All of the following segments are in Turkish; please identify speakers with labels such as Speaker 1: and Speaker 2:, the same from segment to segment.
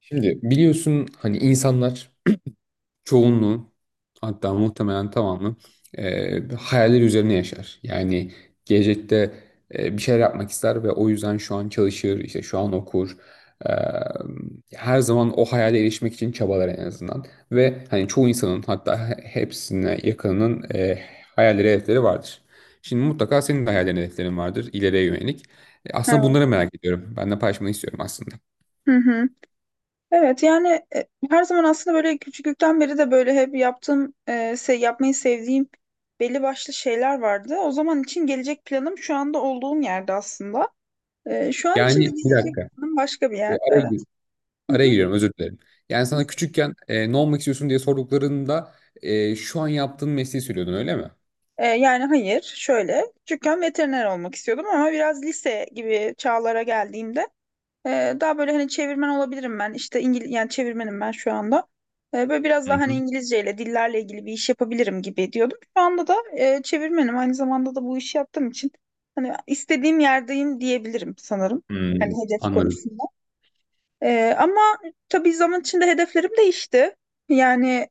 Speaker 1: Şimdi biliyorsun hani insanlar çoğunluğu, hatta muhtemelen tamamı hayaller üzerine yaşar. Yani gelecekte bir şeyler yapmak ister ve o yüzden şu an çalışır, işte şu an okur. E, her zaman o hayale erişmek için çabalar en azından. Ve hani çoğu insanın, hatta hepsine yakınının hayalleri, hedefleri vardır. Şimdi mutlaka senin de hayallerin, hedeflerin vardır ileriye yönelik. Aslında
Speaker 2: Evet.
Speaker 1: bunları merak ediyorum. Ben de paylaşmanı istiyorum aslında.
Speaker 2: Hı hı. Evet yani her zaman aslında böyle küçüklükten beri de böyle hep yaptığım, yapmayı sevdiğim belli başlı şeyler vardı. O zaman için gelecek planım şu anda olduğum yerde aslında. Şu an için de
Speaker 1: Yani bir
Speaker 2: gelecek
Speaker 1: dakika.
Speaker 2: planım başka bir
Speaker 1: E,
Speaker 2: yer.
Speaker 1: araya
Speaker 2: Evet.
Speaker 1: gir-
Speaker 2: Hı
Speaker 1: Araya
Speaker 2: hı.
Speaker 1: giriyorum, özür dilerim. Yani sana küçükken ne olmak istiyorsun diye sorduklarında şu an yaptığın mesleği söylüyordun, öyle mi?
Speaker 2: Yani hayır, şöyle küçükken veteriner olmak istiyordum ama biraz lise gibi çağlara geldiğimde daha böyle, hani, çevirmen olabilirim ben. İşte yani çevirmenim ben şu anda. Böyle biraz
Speaker 1: Hı
Speaker 2: daha, hani,
Speaker 1: hı.
Speaker 2: İngilizceyle, dillerle ilgili bir iş yapabilirim gibi diyordum. Şu anda da çevirmenim. Aynı zamanda da bu işi yaptığım için hani istediğim yerdeyim diyebilirim sanırım. Hani
Speaker 1: Hmm,
Speaker 2: hedef
Speaker 1: anladım.
Speaker 2: konusunda. Ama tabii zaman içinde hedeflerim değişti. Yani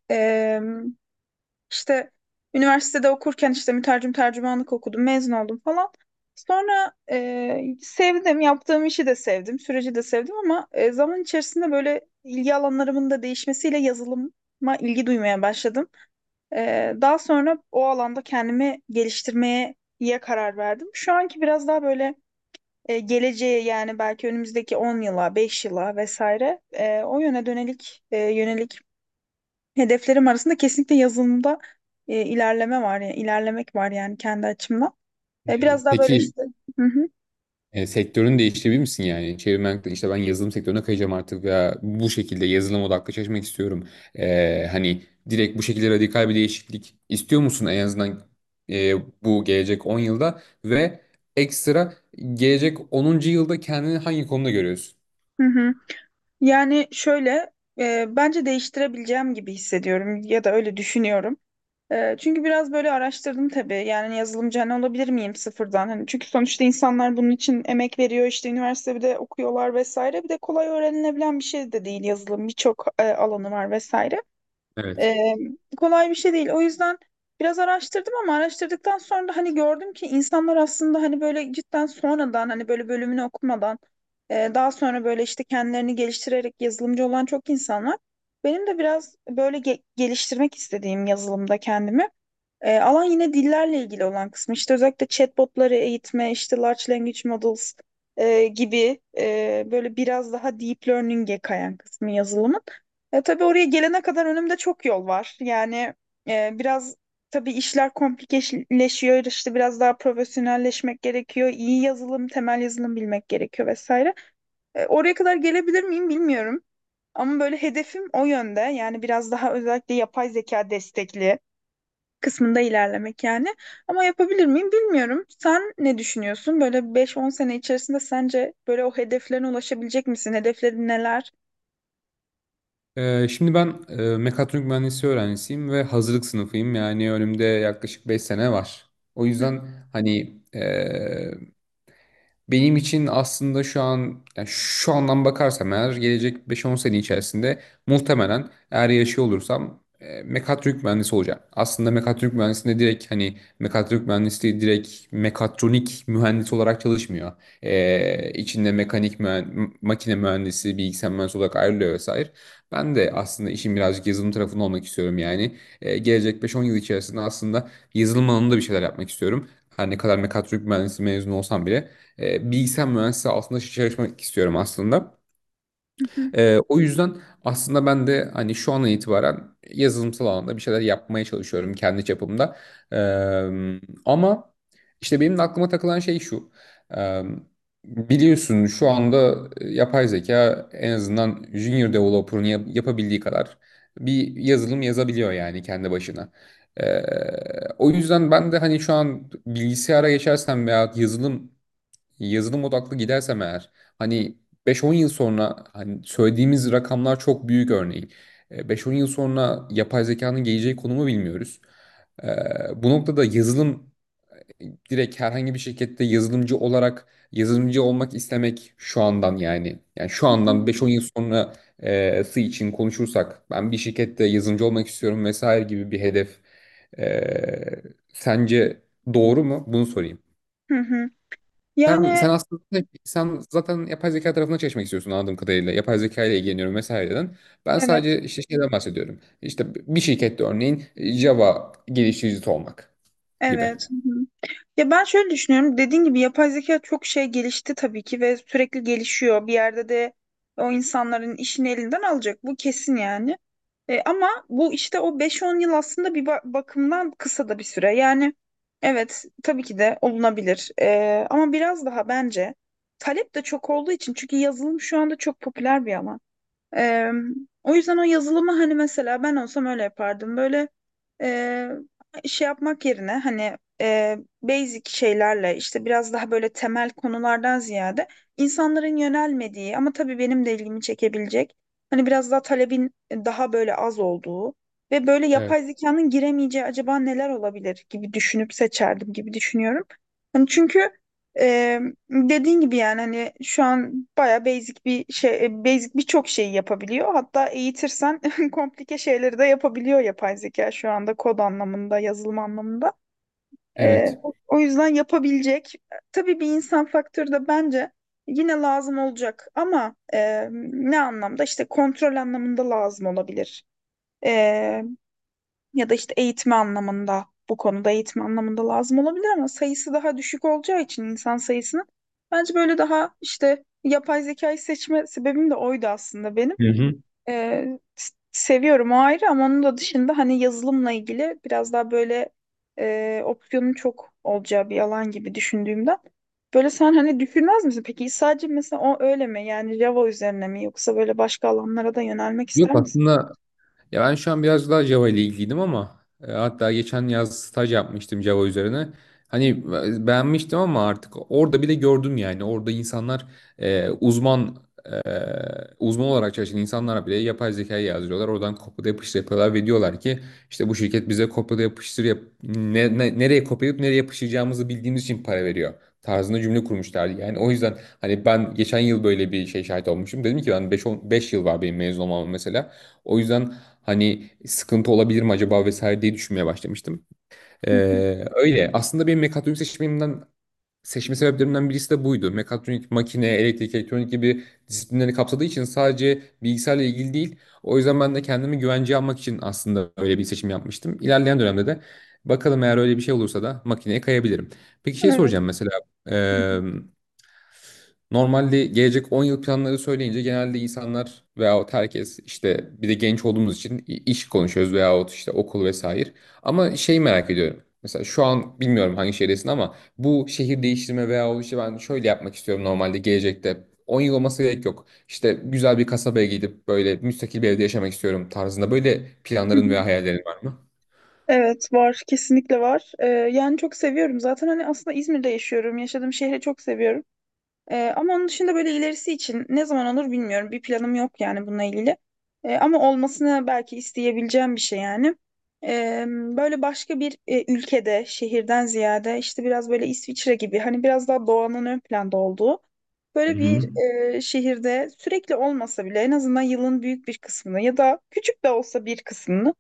Speaker 2: işte üniversitede okurken işte mütercim tercümanlık okudum, mezun oldum falan. Sonra sevdim, yaptığım işi de sevdim, süreci de sevdim ama zaman içerisinde böyle ilgi alanlarımın da değişmesiyle yazılıma ilgi duymaya başladım. Daha sonra o alanda kendimi geliştirmeye ya karar verdim. Şu anki biraz daha böyle geleceğe, yani belki önümüzdeki 10 yıla, 5 yıla vesaire, e, o yöne dönelik e, yönelik hedeflerim arasında kesinlikle yazılımda ilerleme var, yani ilerlemek var yani kendi açımdan. E,
Speaker 1: E,
Speaker 2: biraz daha böyle
Speaker 1: peki
Speaker 2: işte. Hı hı.
Speaker 1: sektörün değiştirebilir misin yani? Çevirmen, işte ben yazılım sektörüne kayacağım artık veya bu şekilde yazılım odaklı çalışmak istiyorum. Hani direkt bu şekilde radikal bir değişiklik istiyor musun en azından, e, bu gelecek 10 yılda ve ekstra gelecek 10'uncu yılda kendini hangi konuda görüyorsun?
Speaker 2: Hı hı. Yani şöyle, bence değiştirebileceğim gibi hissediyorum ya da öyle düşünüyorum. Çünkü biraz böyle araştırdım tabii, yani yazılımcı hani olabilir miyim sıfırdan? Hani çünkü sonuçta insanlar bunun için emek veriyor, işte üniversitede okuyorlar vesaire, bir de kolay öğrenilebilen bir şey de değil yazılım, birçok alanı var vesaire.
Speaker 1: Evet.
Speaker 2: Ee, kolay bir şey değil. O yüzden biraz araştırdım ama araştırdıktan sonra da hani gördüm ki insanlar aslında hani böyle cidden sonradan, hani böyle bölümünü okumadan, daha sonra böyle işte kendilerini geliştirerek yazılımcı olan çok insan var. Benim de biraz böyle geliştirmek istediğim yazılımda kendimi. Alan yine dillerle ilgili olan kısmı. İşte özellikle chatbotları eğitme, işte large language models böyle biraz daha deep learning'e kayan kısmı yazılımın. Tabii oraya gelene kadar önümde çok yol var. Yani biraz, tabii, işler komplikeleşiyor. İşte biraz daha profesyonelleşmek gerekiyor. İyi yazılım, temel yazılım bilmek gerekiyor vesaire. Oraya kadar gelebilir miyim bilmiyorum. Ama böyle hedefim o yönde. Yani biraz daha özellikle yapay zeka destekli kısmında ilerlemek yani. Ama yapabilir miyim bilmiyorum. Sen ne düşünüyorsun? Böyle 5-10 sene içerisinde sence böyle o hedeflerine ulaşabilecek misin? Hedeflerin neler?
Speaker 1: Şimdi ben mekatronik mühendisi öğrencisiyim ve hazırlık sınıfıyım. Yani önümde yaklaşık 5 sene var. O
Speaker 2: Hı
Speaker 1: yüzden hani benim için aslında şu an, yani şu andan bakarsam eğer gelecek beş on sene içerisinde, muhtemelen eğer yaşıyor olursam, mekatronik mühendisi olacağım. Aslında mekatronik mühendisinde direkt, hani mekatronik mühendisliği, direkt mekatronik mühendis olarak çalışmıyor. E, içinde makine mühendisi, bilgisayar mühendisi olarak ayrılıyor vesaire. Ben de aslında işin birazcık yazılım tarafında olmak istiyorum yani. Gelecek beş on yıl içerisinde aslında yazılım alanında bir şeyler yapmak istiyorum. Her ne kadar mekatronik mühendisi mezunu olsam bile, bilgisayar mühendisliği altında çalışmak istiyorum aslında.
Speaker 2: hı hı.
Speaker 1: O yüzden aslında ben de hani şu an itibaren yazılımsal alanda bir şeyler yapmaya çalışıyorum kendi çapımda. E, ama işte benim de aklıma takılan şey şu. E, biliyorsun şu anda yapay zeka en azından junior developer'ın yapabildiği kadar bir yazılım yazabiliyor yani, kendi başına. E, o yüzden ben de hani şu an bilgisayara geçersem veya yazılım odaklı gidersem eğer, hani 5-10 yıl sonra, hani söylediğimiz rakamlar çok büyük örneğin. 5-10 yıl sonra yapay zekanın geleceği konumu bilmiyoruz. Bu noktada yazılım e, direkt herhangi bir şirkette yazılımcı olarak, yazılımcı olmak istemek şu andan yani. Yani şu andan 5-10 yıl sonrası için konuşursak, ben bir şirkette yazılımcı olmak istiyorum vesaire gibi bir hedef, e, sence doğru mu? Bunu sorayım.
Speaker 2: Hı hı. Hı.
Speaker 1: Sen,
Speaker 2: Yani
Speaker 1: sen aslında şey, sen zaten yapay zeka tarafına çalışmak istiyorsun anladığım kadarıyla. Yapay zeka ile ilgileniyorum vesaireden. Ben
Speaker 2: evet,
Speaker 1: sadece işte şeyden bahsediyorum. İşte bir şirkette örneğin Java geliştiricisi olmak gibi.
Speaker 2: evet. Ya ben şöyle düşünüyorum. Dediğin gibi yapay zeka çok şey gelişti tabii ki ve sürekli gelişiyor. Bir yerde de o insanların işini elinden alacak. Bu kesin yani. Ama bu işte o 5-10 yıl aslında bir bakımdan kısa da bir süre. Yani evet tabii ki de olunabilir. Ama biraz daha bence, talep de çok olduğu için, çünkü yazılım şu anda çok popüler bir alan. Eee, o yüzden o yazılımı hani, mesela ben olsam öyle yapardım. Böyle eee, şey yapmak yerine, hani, basic şeylerle, işte biraz daha böyle temel konulardan ziyade insanların yönelmediği ama tabii benim de ilgimi çekebilecek, hani biraz daha talebin daha böyle az olduğu ve böyle
Speaker 1: Evet.
Speaker 2: yapay zekanın giremeyeceği acaba neler olabilir gibi düşünüp seçerdim gibi düşünüyorum. Hani çünkü ee, dediğin gibi, yani, hani şu an baya basic bir şey, basic birçok şeyi yapabiliyor. Hatta eğitirsen komplike şeyleri de yapabiliyor yapay zeka şu anda, kod anlamında, yazılım anlamında. Ee,
Speaker 1: Evet.
Speaker 2: o yüzden yapabilecek. Tabii bir insan faktörü de bence yine lazım olacak ama ne anlamda? İşte kontrol anlamında lazım olabilir ya da işte eğitme anlamında, bu konuda eğitim anlamında lazım olabilir ama sayısı daha düşük olacağı için insan sayısının, bence böyle, daha işte yapay zekayı seçme sebebim de oydu aslında benim.
Speaker 1: Hı hı.
Speaker 2: Seviyorum, o ayrı, ama onun da dışında hani yazılımla ilgili biraz daha böyle opsiyonun çok olacağı bir alan gibi düşündüğümden. Böyle, sen hani düşünmez misin? Peki sadece mesela o öyle mi? Yani Java üzerine mi, yoksa böyle başka alanlara da yönelmek
Speaker 1: Yok
Speaker 2: ister misin?
Speaker 1: aslında. Ya ben şu an biraz daha Java ile ilgiliydim, ama hatta geçen yaz staj yapmıştım Java üzerine. Hani beğenmiştim ama artık orada bile gördüm yani. Orada insanlar e, uzman e, uzman olarak çalışan insanlar bile yapay zekayı yazdırıyorlar. Oradan kopyala yapıştır yapıyorlar ve diyorlar ki işte bu şirket bize kopyala yapıştır yap, nereye kopyalayıp nereye yapıştıracağımızı bildiğimiz için para veriyor tarzında cümle kurmuşlardı. Yani o yüzden hani ben geçen yıl böyle bir şey şahit olmuşum. Dedim ki ben 5 yıl var benim mezun olmam mesela. O yüzden hani sıkıntı olabilir mi acaba vesaire diye düşünmeye başlamıştım.
Speaker 2: Hı hı.
Speaker 1: Öyle. Aslında benim mekatronik seçmemden, seçme sebeplerimden birisi de buydu. Mekatronik, makine, elektrik, elektronik gibi disiplinleri kapsadığı için sadece bilgisayarla ilgili değil. O yüzden ben de kendimi güvenceye almak için aslında öyle bir seçim yapmıştım. İlerleyen dönemde de bakalım, eğer öyle bir şey olursa da makineye kayabilirim. Peki, şey
Speaker 2: Evet.
Speaker 1: soracağım mesela.
Speaker 2: Hı hı.
Speaker 1: Normalde gelecek 10 yıl planları söyleyince genelde insanlar veyahut herkes, işte bir de genç olduğumuz için iş konuşuyoruz veyahut işte okul vesaire. Ama şey merak ediyorum. Mesela şu an bilmiyorum hangi şehirdesin, ama bu şehir değiştirme veyahut işte ben şöyle yapmak istiyorum normalde gelecekte. 10 yıl olması gerek yok. İşte güzel bir kasabaya gidip böyle müstakil bir evde yaşamak istiyorum tarzında böyle
Speaker 2: Hı hı.
Speaker 1: planların veya hayallerin var mı?
Speaker 2: Evet, var, kesinlikle var. Yani çok seviyorum zaten, hani, aslında İzmir'de yaşıyorum, yaşadığım şehri çok seviyorum. Ama onun dışında böyle ilerisi için ne zaman olur bilmiyorum, bir planım yok yani bununla ilgili. Ama olmasını belki isteyebileceğim bir şey yani. Böyle başka bir ülkede, şehirden ziyade, işte biraz böyle İsviçre gibi, hani biraz daha doğanın ön planda olduğu
Speaker 1: Hı
Speaker 2: böyle bir
Speaker 1: hı.
Speaker 2: şehirde, sürekli olmasa bile en azından yılın büyük bir kısmını ya da küçük de olsa bir kısmını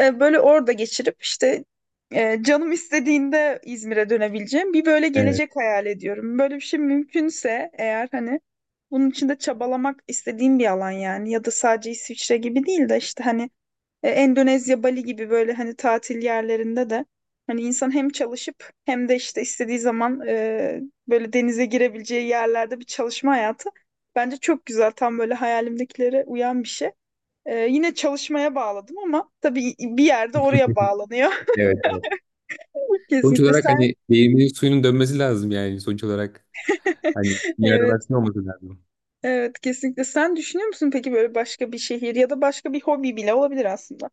Speaker 2: böyle orada geçirip, işte, canım istediğinde İzmir'e dönebileceğim bir böyle
Speaker 1: Evet.
Speaker 2: gelecek hayal ediyorum. Böyle bir şey mümkünse eğer hani, bunun için de çabalamak istediğim bir alan yani. Ya da sadece İsviçre gibi değil de, işte hani, Endonezya, Bali gibi böyle hani tatil yerlerinde de, hani insan hem çalışıp hem de işte istediği zaman böyle denize girebileceği yerlerde bir çalışma hayatı bence çok güzel, tam böyle hayalimdekilere uyan bir şey. Yine çalışmaya bağladım ama tabii bir yerde oraya bağlanıyor.
Speaker 1: Evet. Sonuç
Speaker 2: Kesinlikle
Speaker 1: olarak
Speaker 2: sen.
Speaker 1: hani değirmenin suyunun dönmesi lazım yani, sonuç olarak. Hani bir yerden
Speaker 2: Evet,
Speaker 1: aklın olması lazım.
Speaker 2: evet, kesinlikle. Sen düşünüyor musun peki, böyle başka bir şehir ya da başka bir hobi bile olabilir aslında.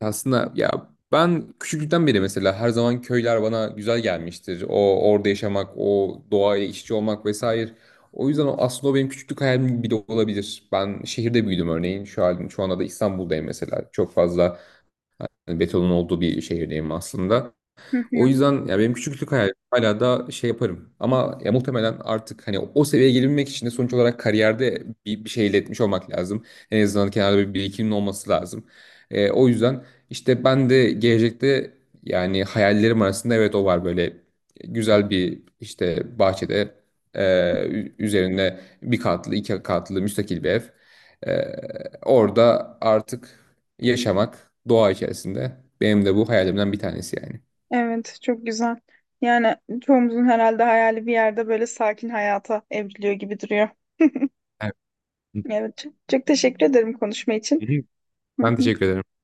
Speaker 1: Aslında ya ben küçüklükten beri mesela her zaman köyler bana güzel gelmiştir. Orada yaşamak, o doğayla iç içe olmak vesaire. O yüzden o, aslında o benim küçüklük hayalim bile olabilir. Ben şehirde büyüdüm örneğin. Şu anda da İstanbul'dayım mesela. Çok fazla hani betonun olduğu bir şehirdeyim aslında.
Speaker 2: Hı
Speaker 1: O
Speaker 2: hı.
Speaker 1: yüzden ya benim küçüklük hayalim hala da şey yaparım. Ama ya muhtemelen artık hani o seviyeye gelebilmek için de sonuç olarak kariyerde bir şey elde etmiş olmak lazım. En azından kenarda bir birikimin olması lazım. O yüzden işte ben de gelecekte, yani hayallerim arasında evet o var, böyle güzel bir, işte bahçede e, üzerinde bir katlı iki katlı müstakil bir ev. Orada artık yaşamak doğa içerisinde, benim de bu hayalimden bir tanesi yani.
Speaker 2: Evet, çok güzel. Yani çoğumuzun herhalde hayali bir yerde böyle sakin hayata evriliyor gibi duruyor.
Speaker 1: Hı
Speaker 2: Evet, çok, çok teşekkür ederim konuşma için.
Speaker 1: hı.
Speaker 2: Hı
Speaker 1: Ben
Speaker 2: hı.
Speaker 1: teşekkür ederim.